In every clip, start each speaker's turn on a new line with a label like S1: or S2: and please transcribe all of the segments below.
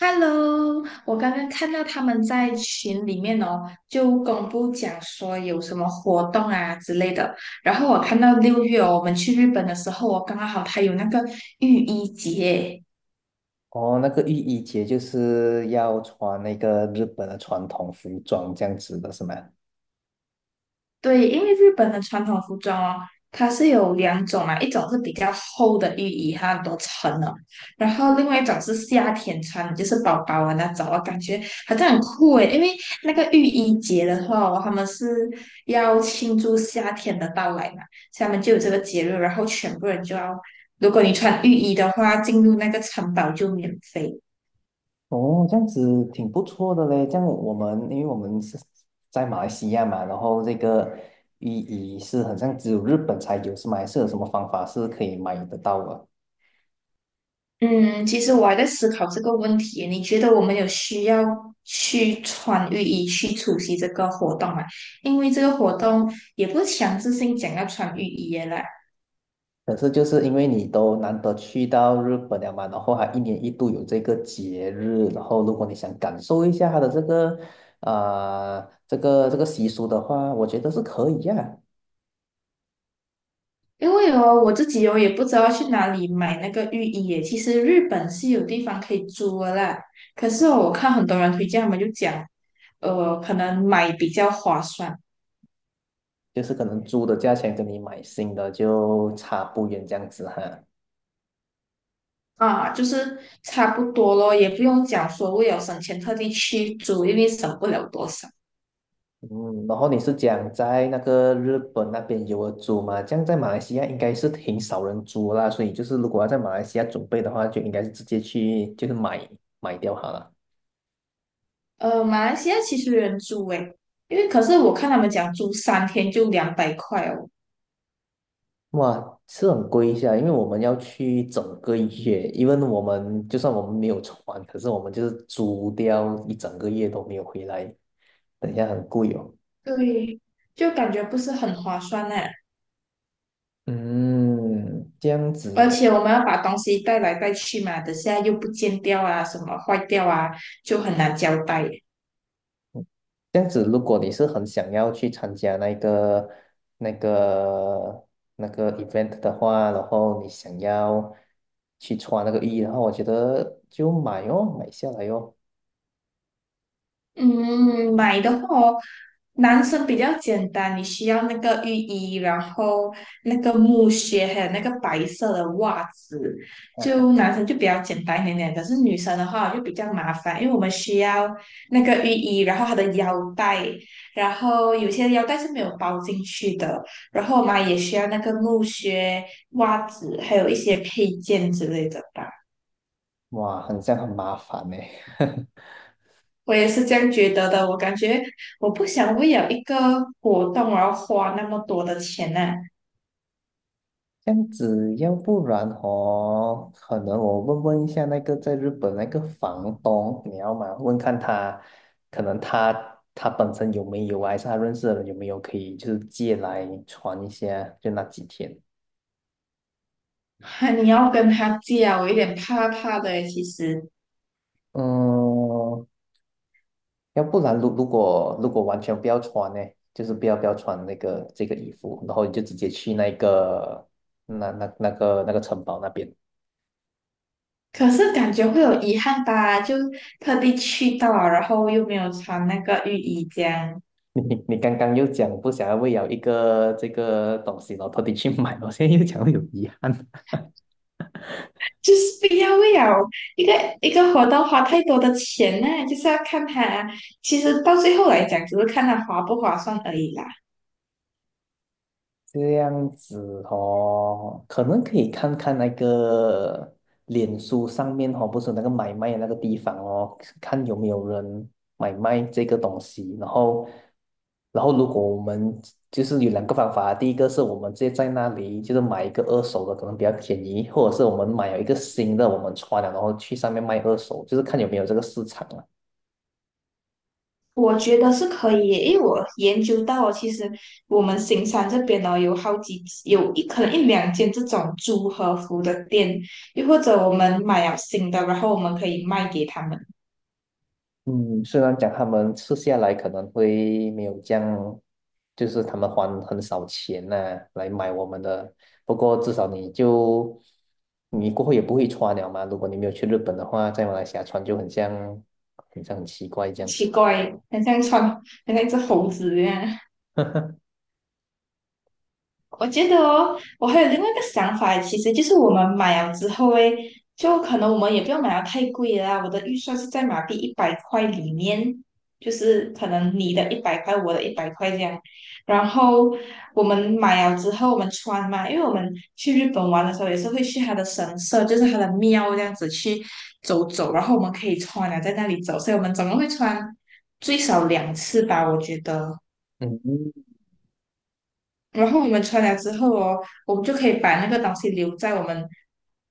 S1: Hello，我刚刚看到他们在群里面哦，就公布讲说有什么活动啊之类的。然后我看到6月哦，我们去日本的时候哦，刚刚好他有那个浴衣节。
S2: 哦，那个浴衣节就是要穿那个日本的传统服装这样子的是吗？
S1: 对，因为日本的传统服装哦，它是有两种嘛，一种是比较厚的浴衣，它很多层的；然后另外一种是夏天穿的，就是薄薄的那种，我感觉好像很酷诶，因为那个浴衣节的话哦他们是要庆祝夏天的到来嘛，所以他们就有这个节日，然后全部人就要，如果你穿浴衣的话，进入那个城堡就免费。
S2: 哦，这样子挺不错的嘞。这样我们，因为我们是在马来西亚嘛，然后这个浴衣是很像只有日本才有，是吗？还是有什么方法是可以买得到的？
S1: 嗯，其实我还在思考这个问题。你觉得我们有需要去穿浴衣去出席这个活动吗？因为这个活动也不是强制性讲要穿浴衣的啦。
S2: 可是就是因为你都难得去到日本了嘛，然后还一年一度有这个节日，然后如果你想感受一下它的这个啊、这个习俗的话，我觉得是可以呀、
S1: 因为哦，我自己哦也不知道去哪里买那个浴衣耶。其实日本是有地方可以租的啦，可是哦我看很多人推荐，他们就讲，可能买比较划算。
S2: 就是可能租的价钱跟你买新的就差不远这样子哈。
S1: 啊，就是差不多咯，也不用讲说为了省钱特地去租，因为省不了多少。
S2: 嗯，然后你是讲在那个日本那边有人租嘛？这样在马来西亚应该是挺少人租啦，所以就是如果要在马来西亚准备的话，就应该是直接去就是买掉好了。
S1: 马来西亚其实有人住诶，因为可是我看他们讲住3天就200块哦。
S2: 哇，是很贵一下，因为我们要去整个月，因为我们就算我们没有船，可是我们就是租掉一整个月都没有回来，等一下很贵哦。
S1: 对，就感觉不是很划算呢。
S2: 嗯，这样子
S1: 而
S2: 的
S1: 且我们要把东西带来带去嘛，等下又不见掉啊，什么坏掉啊，就很难交代。
S2: 这样子，如果你是很想要去参加那个、那个、那个 event 的话，然后你想要去穿那个浴衣的话，我觉得就买哦，买下来哦。
S1: 嗯，买的话哦，男生比较简单，你需要那个浴衣，然后那个木靴，还有那个白色的袜子，就男生就比较简单一点点。可是女生的话就比较麻烦，因为我们需要那个浴衣，然后它的腰带，然后有些腰带是没有包进去的，然后我们也需要那个木靴、袜子，还有一些配件之类的吧。
S2: 哇，很像很麻烦呢。
S1: 我也是这样觉得的。我感觉我不想为了一个活动而花那么多的钱呢、
S2: 这样子，要不然哦，可能我问问一下那个在日本那个房东，你要吗？问看他，可能他本身有没有啊，还是他认识的人有没有可以就是借来穿一下，就那几天。
S1: 啊。你要跟他借啊，我有点怕怕的耶其实。
S2: 嗯，要不然如果完全不要穿呢，就是不要穿那个这个衣服，然后你就直接去那个那个城堡那边。
S1: 可是感觉会有遗憾吧，就特地去到啊然后又没有穿那个浴衣，这样
S2: 你刚刚又讲不想要为了一个这个东西，然后特地去买，我现在又讲有遗憾。
S1: 就是不要为了一个一个活动花太多的钱呢、就是要看他，其实到最后来讲，只是看他划不划算而已啦。
S2: 这样子哦，可能可以看看那个脸书上面哦，不是有那个买卖的那个地方哦，看有没有人买卖这个东西。然后如果我们就是有两个方法，第一个是我们直接在那里就是买一个二手的，可能比较便宜，或者是我们买了一个新的，我们穿了然后去上面卖二手，就是看有没有这个市场啊。
S1: 我觉得是可以耶，因为我研究到哦其实我们新山这边呢有好几有一可能一两间这种租和服的店，又或者我们买了新的，然后我们可以卖给他们。
S2: 嗯，虽然讲他们吃下来可能会没有这样，就是他们还很少钱呐、来买我们的，不过至少你过后也不会穿了嘛。如果你没有去日本的话，在马来西亚穿就很像，很像很奇怪这
S1: 很
S2: 样。
S1: 奇怪，很像穿，很像一只猴子一样。我觉得哦，我还有另外一个想法，其实就是我们买了之后诶，就可能我们也不要买到太贵啦。我的预算是在马币一百块里面，就是可能你的一百块，我的一百块这样。然后我们买了之后，我们穿嘛，因为我们去日本玩的时候也是会去它的神社，就是它的庙这样子去走走，然后我们可以穿了在那里走，所以我们总共会穿最少两次吧，我觉得。
S2: 嗯，
S1: 然后我们穿了之后哦，我们就可以把那个东西留在我们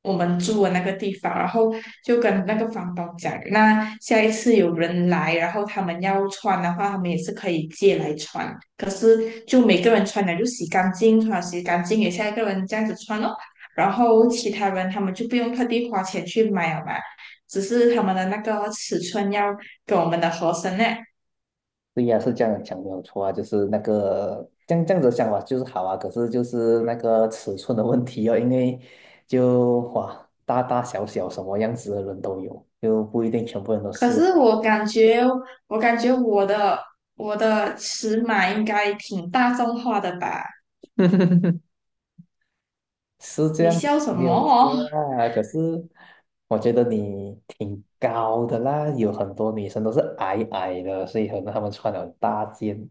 S1: 我们住的那个地方，然后就跟那个房东讲，那下一次有人来，然后他们要穿的话，他们也是可以借来穿，就是就每个人穿了就洗干净，穿了洗干净给下一个人这样子穿咯，然后其他人他们就不用特地花钱去买了嘛，只是他们的那个尺寸要跟我们的合身呢。
S2: 对呀、是这样讲没有错啊，就是那个这样子想法就是好啊，可是就是那个尺寸的问题哦，因为就哇，大大小小什么样子的人都有，就不一定全部人都
S1: 可
S2: 适
S1: 是
S2: 合。
S1: 我感觉，我感觉我的我的尺码应该挺大众化的吧？
S2: 是这
S1: 你
S2: 样，
S1: 笑什
S2: 没
S1: 么
S2: 有
S1: 哦？
S2: 错 啦。可是我觉得你挺高的啦，有很多女生都是矮矮的，所以可能她们穿了很大件。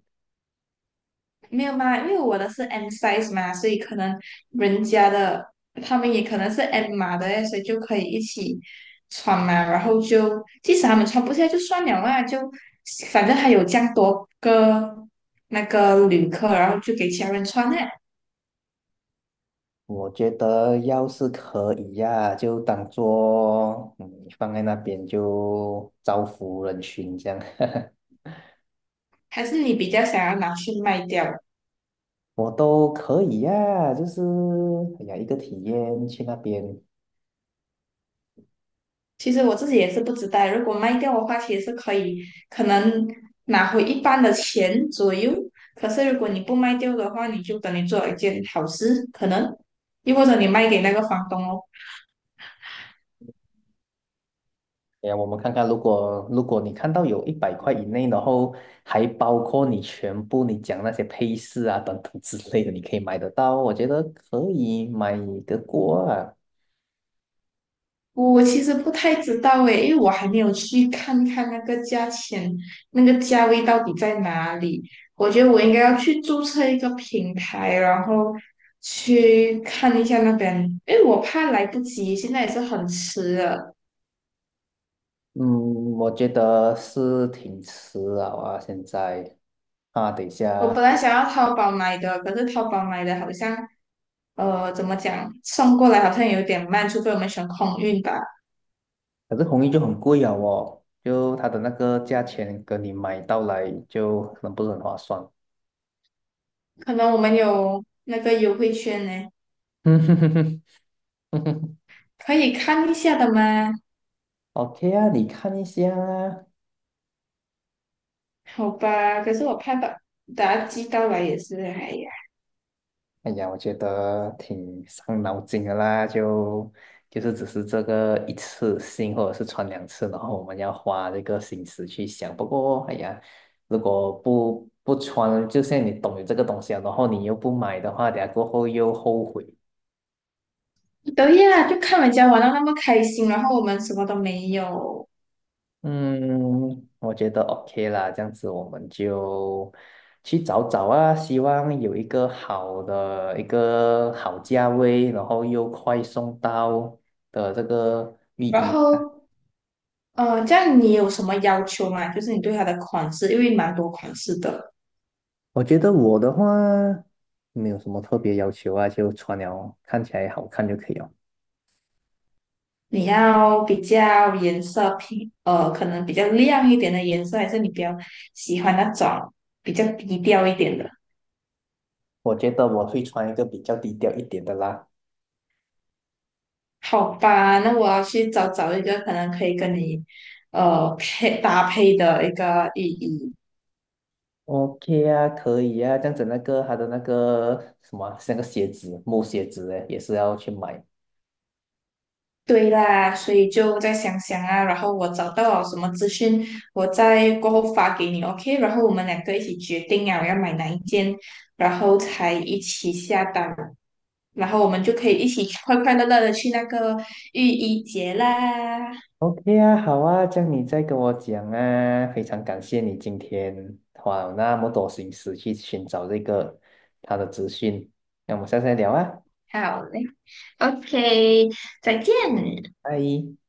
S1: 没有嘛，因为我的是 M size 嘛，所以可能人家的他们也可能是 M 码的诶所以就可以一起穿嘛。然后就即使他们穿不下就算了嘛，就反正还有这样多个那个旅客，然后就给其他人穿呢。
S2: 我觉得要是可以呀、就当做嗯放在那边就造福人群这样，
S1: 还是你比较想要拿去卖掉？
S2: 我都可以呀、就是哎呀一个体验去那边
S1: 其实我自己也是不知道，如果卖掉的话，其实是可以，可能拿回一半的钱左右。可是如果你不卖掉的话，你就等于做了一件好事，可能，又或者你卖给那个房东哦。
S2: 哎呀，我们看看，如果你看到有100块以内，然后还包括你全部你讲那些配饰啊等等之类的，你可以买得到，我觉得可以买得过啊。
S1: 我其实不太知道诶，因为我还没有去看看那个价钱，那个价位到底在哪里。我觉得我应该要去注册一个平台，然后去看一下那边，因为我怕来不及，现在也是很迟了。
S2: 嗯，我觉得是挺迟了啊，现在啊，等一
S1: 我本
S2: 下，
S1: 来想要淘宝买的，可是淘宝买的好像，怎么讲，送过来好像有点慢，除非我们选空运吧。
S2: 可是红衣就很贵啊哦，就它的那个价钱跟你买到来就可能不是很划算。
S1: 可能我们有那个优惠券呢，
S2: 嗯哼哼哼哼哼
S1: 可以看一下的吗？
S2: ，OK 啊，你看一下啊。
S1: 好吧，可是我怕把它寄到来也是，哎呀，
S2: 哎呀，我觉得挺伤脑筋的啦，就是只是这个一次性或者是穿两次，然后我们要花这个心思去想。不过，哎呀，如果不穿，就像你懂有这个东西啊，然后你又不买的话，等下过后又后悔。
S1: 对呀，就看人家玩到那么开心，然后我们什么都没有，
S2: 嗯，我觉得 OK 啦，这样子我们就去找找啊，希望有一个好的一个好价位，然后又快送到的这个浴
S1: 然
S2: 衣。
S1: 后，这样你有什么要求吗？就是你对它的款式，因为蛮多款式的。
S2: 我觉得我的话没有什么特别要求啊，就穿了看起来好看就可以了。
S1: 你要比较颜色偏，可能比较亮一点的颜色，还是你比较喜欢那种比较低调一点的？
S2: 我觉得我会穿一个比较低调一点的啦。
S1: 好吧，那我要去找找一个可能可以跟你，配搭配的一个意义。
S2: OK 啊，可以啊，这样子那个他的那个什么，是那个鞋子木鞋子诶，也是要去买。
S1: 对啦，所以就再想想啊，然后我找到了什么资讯，我再过后发给你，OK？然后我们两个一起决定啊，我要买哪一件，然后才一起下单，然后我们就可以一起快快乐乐的去那个浴衣节啦。
S2: OK 啊，好啊，这样你再跟我讲啊，非常感谢你今天花了那么多心思去寻找这个他的资讯，那我们下次再聊啊，
S1: 好嘞，OK，再见。
S2: 拜。